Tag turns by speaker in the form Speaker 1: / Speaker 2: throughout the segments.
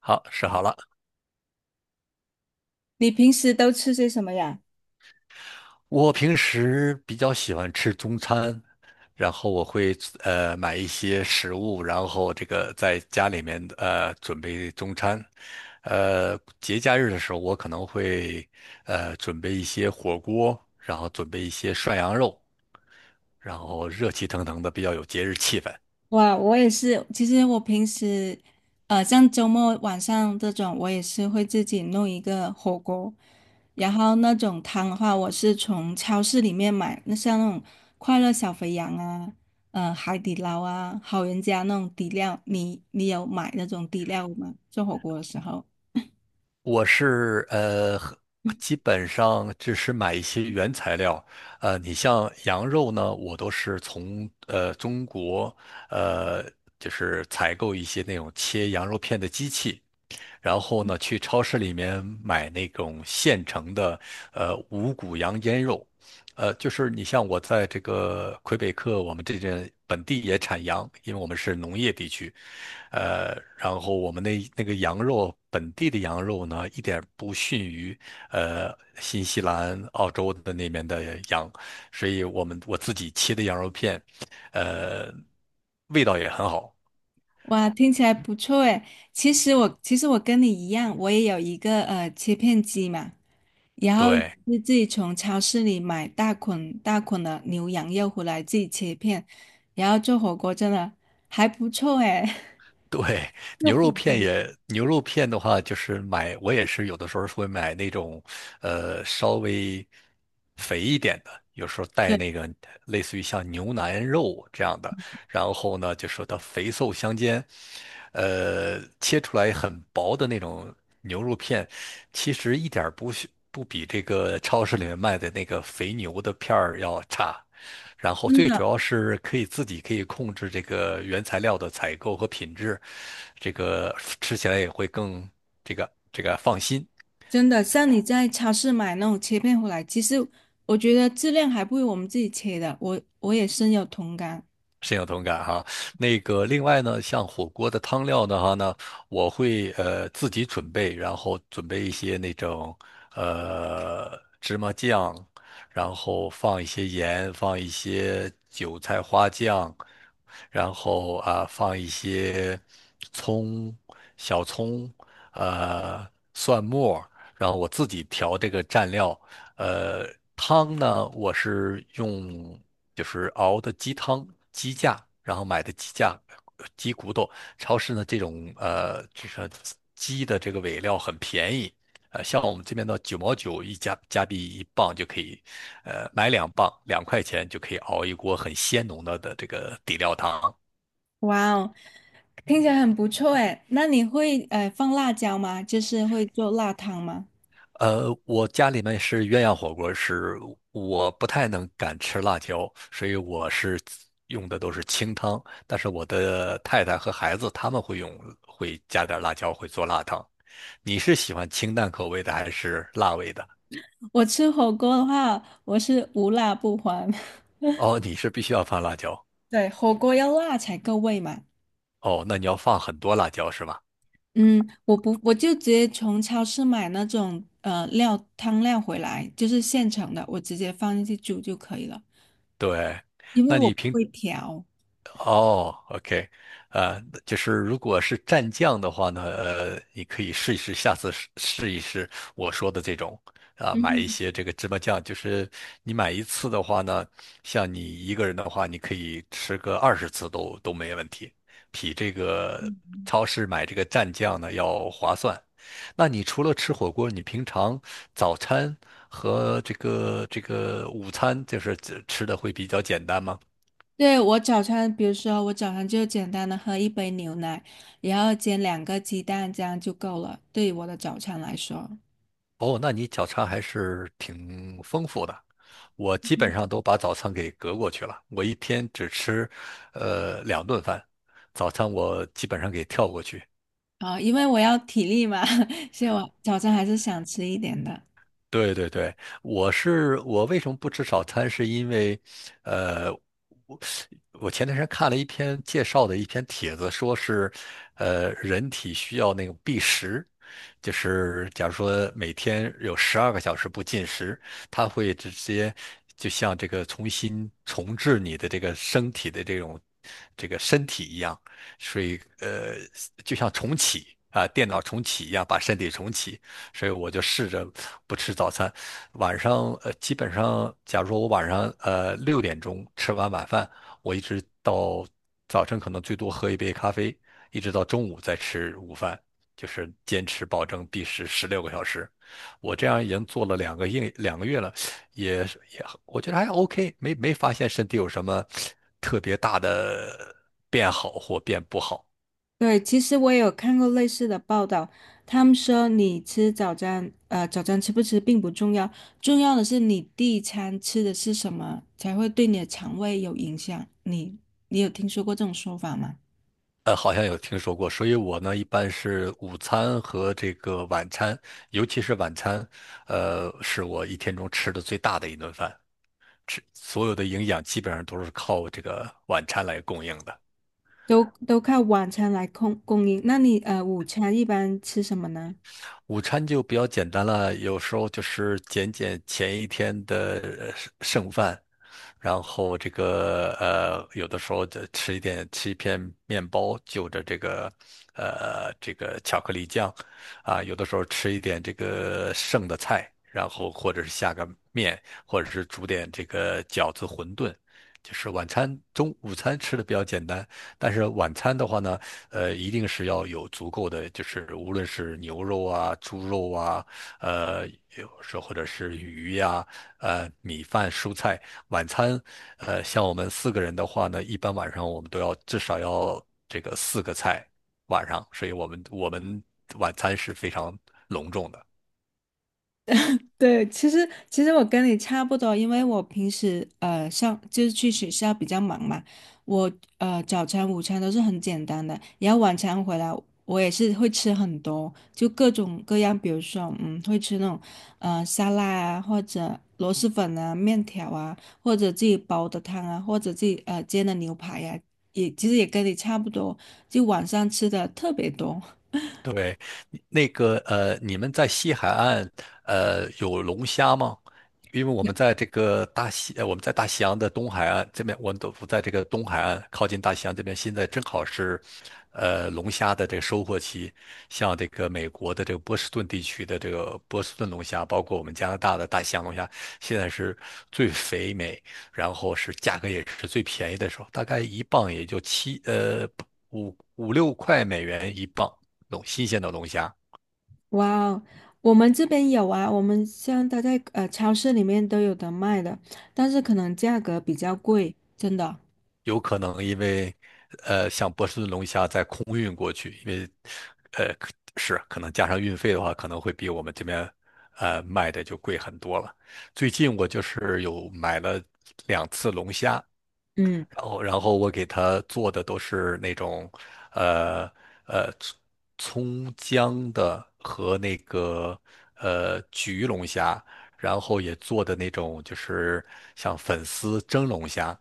Speaker 1: 好，试好了。
Speaker 2: 你平时都吃些什么呀？
Speaker 1: 我平时比较喜欢吃中餐，然后我会买一些食物，然后这个在家里面准备中餐。节假日的时候，我可能会准备一些火锅，然后准备一些涮羊肉，然后热气腾腾的，比较有节日气氛。
Speaker 2: 哇，我也是，其实我平时，像周末晚上这种，我也是会自己弄一个火锅，然后那种汤的话，我是从超市里面买，那像那种快乐小肥羊啊，海底捞啊，好人家那种底料，你有买那种底料吗？做火锅的时候？
Speaker 1: 我是呃，基本上只是买一些原材料。你像羊肉呢，我都是从中国呃，就是采购一些那种切羊肉片的机器。然后呢，去超市里面买那种现成的，五谷羊腌肉，就是你像我在这个魁北克，我们这边本地也产羊，因为我们是农业地区，然后我们那个羊肉，本地的羊肉呢，一点不逊于，新西兰、澳洲的那边的羊，所以我自己切的羊肉片，呃，味道也很好，
Speaker 2: 哇，听起来不错诶。其实我跟你一样，我也有一个切片机嘛。然后也
Speaker 1: 对。
Speaker 2: 是自己从超市里买大捆大捆的牛羊肉回来，自己切片，然后做火锅，真的还不错哎。
Speaker 1: 对，牛肉片的话，就是买，我也是有的时候会买那种，稍微肥一点的，有时候带
Speaker 2: 对，
Speaker 1: 那个类似于像牛腩肉这样的，然后呢，就说它肥瘦相间，切出来很薄的那种牛肉片，其实一点儿不是不比这个超市里面卖的那个肥牛的片儿要差，然后
Speaker 2: 真
Speaker 1: 最
Speaker 2: 的
Speaker 1: 主要是可以自己可以控制这个原材料的采购和品质，这个吃起来也会更这个放心。
Speaker 2: 真的,像你在超市买那种切片回来，其实我觉得质量还不如我们自己切的，我也深有同感。
Speaker 1: 深有同感哈。那个，另外呢，像火锅的汤料的话呢，我会自己准备，然后准备一些那种芝麻酱，然后放一些盐，放一些韭菜花酱，然后啊放一些葱、小葱、呃蒜末。然后我自己调这个蘸料。呃，汤呢，我是用就是熬的鸡汤、鸡架，然后买的鸡架、鸡骨头。超市呢，这种就是鸡的这个尾料很便宜，像我们这边的9毛9一加币一磅就可以，买2磅，2块钱就可以熬一锅很鲜浓的这个底料汤。
Speaker 2: 哇哦，听起来很不错哎。那你会放辣椒吗？就是会做辣汤吗？
Speaker 1: 我家里面是鸳鸯火锅，是我不太敢吃辣椒，所以我是用的都是清汤。但是我的太太和孩子他们会用，会加点辣椒，会做辣汤。你是喜欢清淡口味的还是辣味的？
Speaker 2: 我吃火锅的话，我是无辣不欢。
Speaker 1: 哦，你是必须要放辣椒。
Speaker 2: 对，火锅要辣才够味嘛。
Speaker 1: 哦，那你要放很多辣椒是吧？
Speaker 2: 嗯，我不，我就直接从超市买那种料汤料回来，就是现成的，我直接放进去煮就可以了，
Speaker 1: 对，
Speaker 2: 因
Speaker 1: 那
Speaker 2: 为我
Speaker 1: 你
Speaker 2: 不
Speaker 1: 平
Speaker 2: 会调。
Speaker 1: 哦，OK，呃，就是如果是蘸酱的话呢，你可以试一试，下次试一试我说的这种，啊、买一
Speaker 2: 嗯，
Speaker 1: 些这个芝麻酱，就是你买一次的话呢，像你一个人的话，你可以吃个20次都没问题，比这个超市买这个蘸酱呢要划算。那你除了吃火锅，你平常早餐和这个午餐，就是吃的会比较简单吗？
Speaker 2: 对，我早餐，比如说我早上就简单的喝一杯牛奶，然后煎两个鸡蛋，这样就够了，对于我的早餐来说。
Speaker 1: 哦，那你早餐还是挺丰富的。我基本上都把早餐给隔过去了，我一天只吃，两顿饭，早餐我基本上给跳过去。
Speaker 2: 啊，因为我要体力嘛，所以我早餐还是想吃一点的。
Speaker 1: 对对对，我为什么不吃早餐？是因为，呃，我我前段时间看了一篇介绍的一篇帖子，说是，人体需要那个避食，就是假如说每天有12个小时不进食，它会直接就像这个重新重置你的这个身体的这种这个身体一样，所以就像重启啊，电脑重启一样，把身体重启。所以我就试着不吃早餐。晚上基本上，假如说我晚上6点钟吃完晚饭，我一直到早晨可能最多喝一杯咖啡，一直到中午再吃午饭，就是坚持保证必食16个小时。我这样已经做了两个月了，也我觉得还 OK，没发现身体有什么特别大的变好或变不好。
Speaker 2: 对，其实我也有看过类似的报道，他们说你吃早餐，早餐吃不吃并不重要，重要的是你第一餐吃的是什么，才会对你的肠胃有影响。你有听说过这种说法吗？
Speaker 1: 好像有听说过，所以我呢一般是午餐和这个晚餐，尤其是晚餐，是我一天中吃的最大的一顿饭，吃所有的营养基本上都是靠这个晚餐来供应的。
Speaker 2: 都靠晚餐来供应，那你午餐一般吃什么呢？
Speaker 1: 午餐就比较简单了，有时候就是减前一天的剩饭，然后这个有的时候就吃一点，吃一片面包，就着这个巧克力酱，啊，有的时候吃一点这个剩的菜，然后或者是下个面，或者是煮点这个饺子、馄饨。就是晚餐中午餐吃的比较简单，但是晚餐的话呢，一定是要有足够的，就是无论是牛肉啊、猪肉啊，呃，有时候或者是鱼呀、米饭、蔬菜。晚餐，像我们4个人的话呢，一般晚上我们都要至少要这个4个菜晚上，所以我们晚餐是非常隆重的。
Speaker 2: 对，其实我跟你差不多，因为我平时上就是去学校比较忙嘛，我早餐、午餐都是很简单的，然后晚餐回来我也是会吃很多，就各种各样，比如说会吃那种沙拉啊，或者螺蛳粉啊、面条啊，或者自己煲的汤啊，或者自己煎的牛排呀、也其实也跟你差不多，就晚上吃的特别多。
Speaker 1: 对，你们在西海岸有龙虾吗？因为我们在大西洋的东海岸这边，我们都不在这个东海岸靠近大西洋这边，现在正好是龙虾的这个收获期，像这个美国的这个波士顿地区的这个波士顿龙虾，包括我们加拿大的大西洋龙虾，现在是最肥美，然后是价格也是最便宜的时候，大概一磅也就七呃。五五六块美元一磅，新鲜的龙虾，
Speaker 2: 哇哦，我们这边有啊，我们像它在超市里面都有的卖的，但是可能价格比较贵，真的。
Speaker 1: 有可能因为，像波士顿龙虾在空运过去，因为，呃，是可能加上运费的话，可能会比我们这边，卖的就贵很多了。最近我就是有买了2次龙虾，
Speaker 2: 嗯，
Speaker 1: 然后我给他做的都是那种，呃呃，葱姜的和那个焗龙虾，然后也做的那种就是像粉丝蒸龙虾，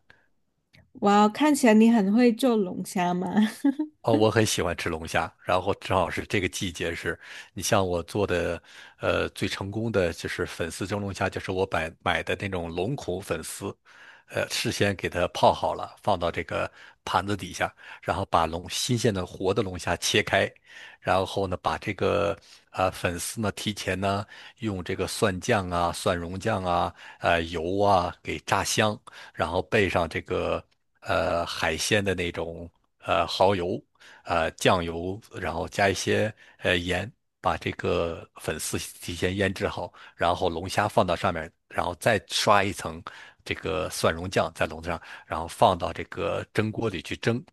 Speaker 2: 哇哦，看起来你很会做龙虾嘛。
Speaker 1: 哦，我很喜欢吃龙虾，然后正好是这个季节是，你像我做的，最成功的就是粉丝蒸龙虾，就是我买的那种龙孔粉丝，事先给它泡好了，放到这个盘子底下，然后把新鲜的活的龙虾切开，然后呢，把这个粉丝呢提前呢用这个蒜酱啊、蒜蓉酱啊、油啊给炸香，然后备上这个海鲜的那种蚝油。酱油，然后加一些盐，把这个粉丝提前腌制好，然后龙虾放到上面，然后再刷一层这个蒜蓉酱在笼子上，然后放到这个蒸锅里去蒸。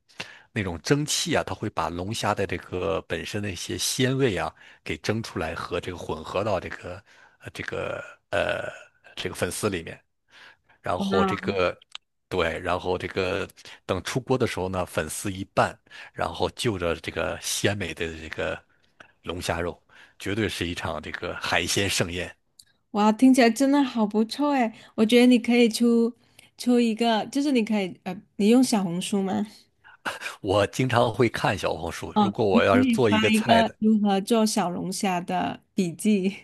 Speaker 1: 那种蒸汽啊，它会把龙虾的这个本身的一些鲜味啊给蒸出来，和这个混合到呃这个呃这个粉丝里面。然后这
Speaker 2: 哇
Speaker 1: 个，对，然后这个等出锅的时候呢，粉丝一拌，然后就着这个鲜美的这个龙虾肉，绝对是一场这个海鲜盛宴。
Speaker 2: 哇，听起来真的好不错哎！我觉得你可以出一个，就是你可以你用小红书吗？
Speaker 1: 我经常会看小红书，如
Speaker 2: 哦，
Speaker 1: 果
Speaker 2: 你
Speaker 1: 我要
Speaker 2: 可
Speaker 1: 是
Speaker 2: 以
Speaker 1: 做
Speaker 2: 发
Speaker 1: 一个
Speaker 2: 一
Speaker 1: 菜
Speaker 2: 个
Speaker 1: 的，
Speaker 2: 如何做小龙虾的笔记。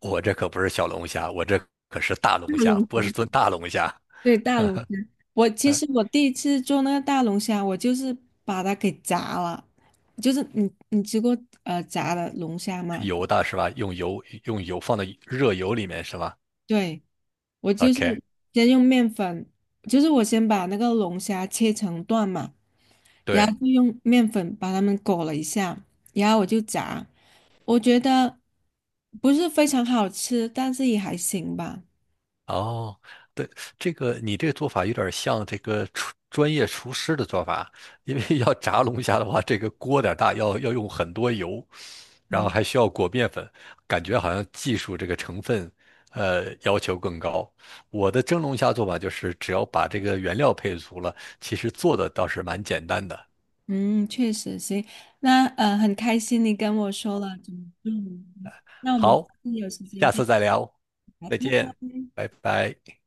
Speaker 1: 我这可不是小龙虾，我这可是大 龙
Speaker 2: 大
Speaker 1: 虾，
Speaker 2: 龙
Speaker 1: 波
Speaker 2: 虾
Speaker 1: 士顿大龙虾，
Speaker 2: 对，大龙虾。其实我第一次做那个大龙虾，我就是把它给炸了。就是你吃过炸的龙虾 吗？
Speaker 1: 油的是吧？用油放到热油里面是吧
Speaker 2: 对，我就是
Speaker 1: ？OK，
Speaker 2: 先用面粉，就是我先把那个龙虾切成段嘛，然
Speaker 1: 对。
Speaker 2: 后就用面粉把它们裹了一下，然后我就炸。我觉得不是非常好吃，但是也还行吧。
Speaker 1: 哦，对，这个你这个做法有点像这个专业厨师的做法，因为要炸龙虾的话，这个锅有点大，要用很多油，然后
Speaker 2: 嗯。
Speaker 1: 还需要裹面粉，感觉好像技术这个成分，要求更高。我的蒸龙虾做法就是，只要把这个原料配足了，其实做的倒是蛮简单的。
Speaker 2: 嗯，确实行。那很开心你跟我说了怎么做，那我们下
Speaker 1: 好，
Speaker 2: 次有时
Speaker 1: 下
Speaker 2: 间再。
Speaker 1: 次再聊，再见，拜拜。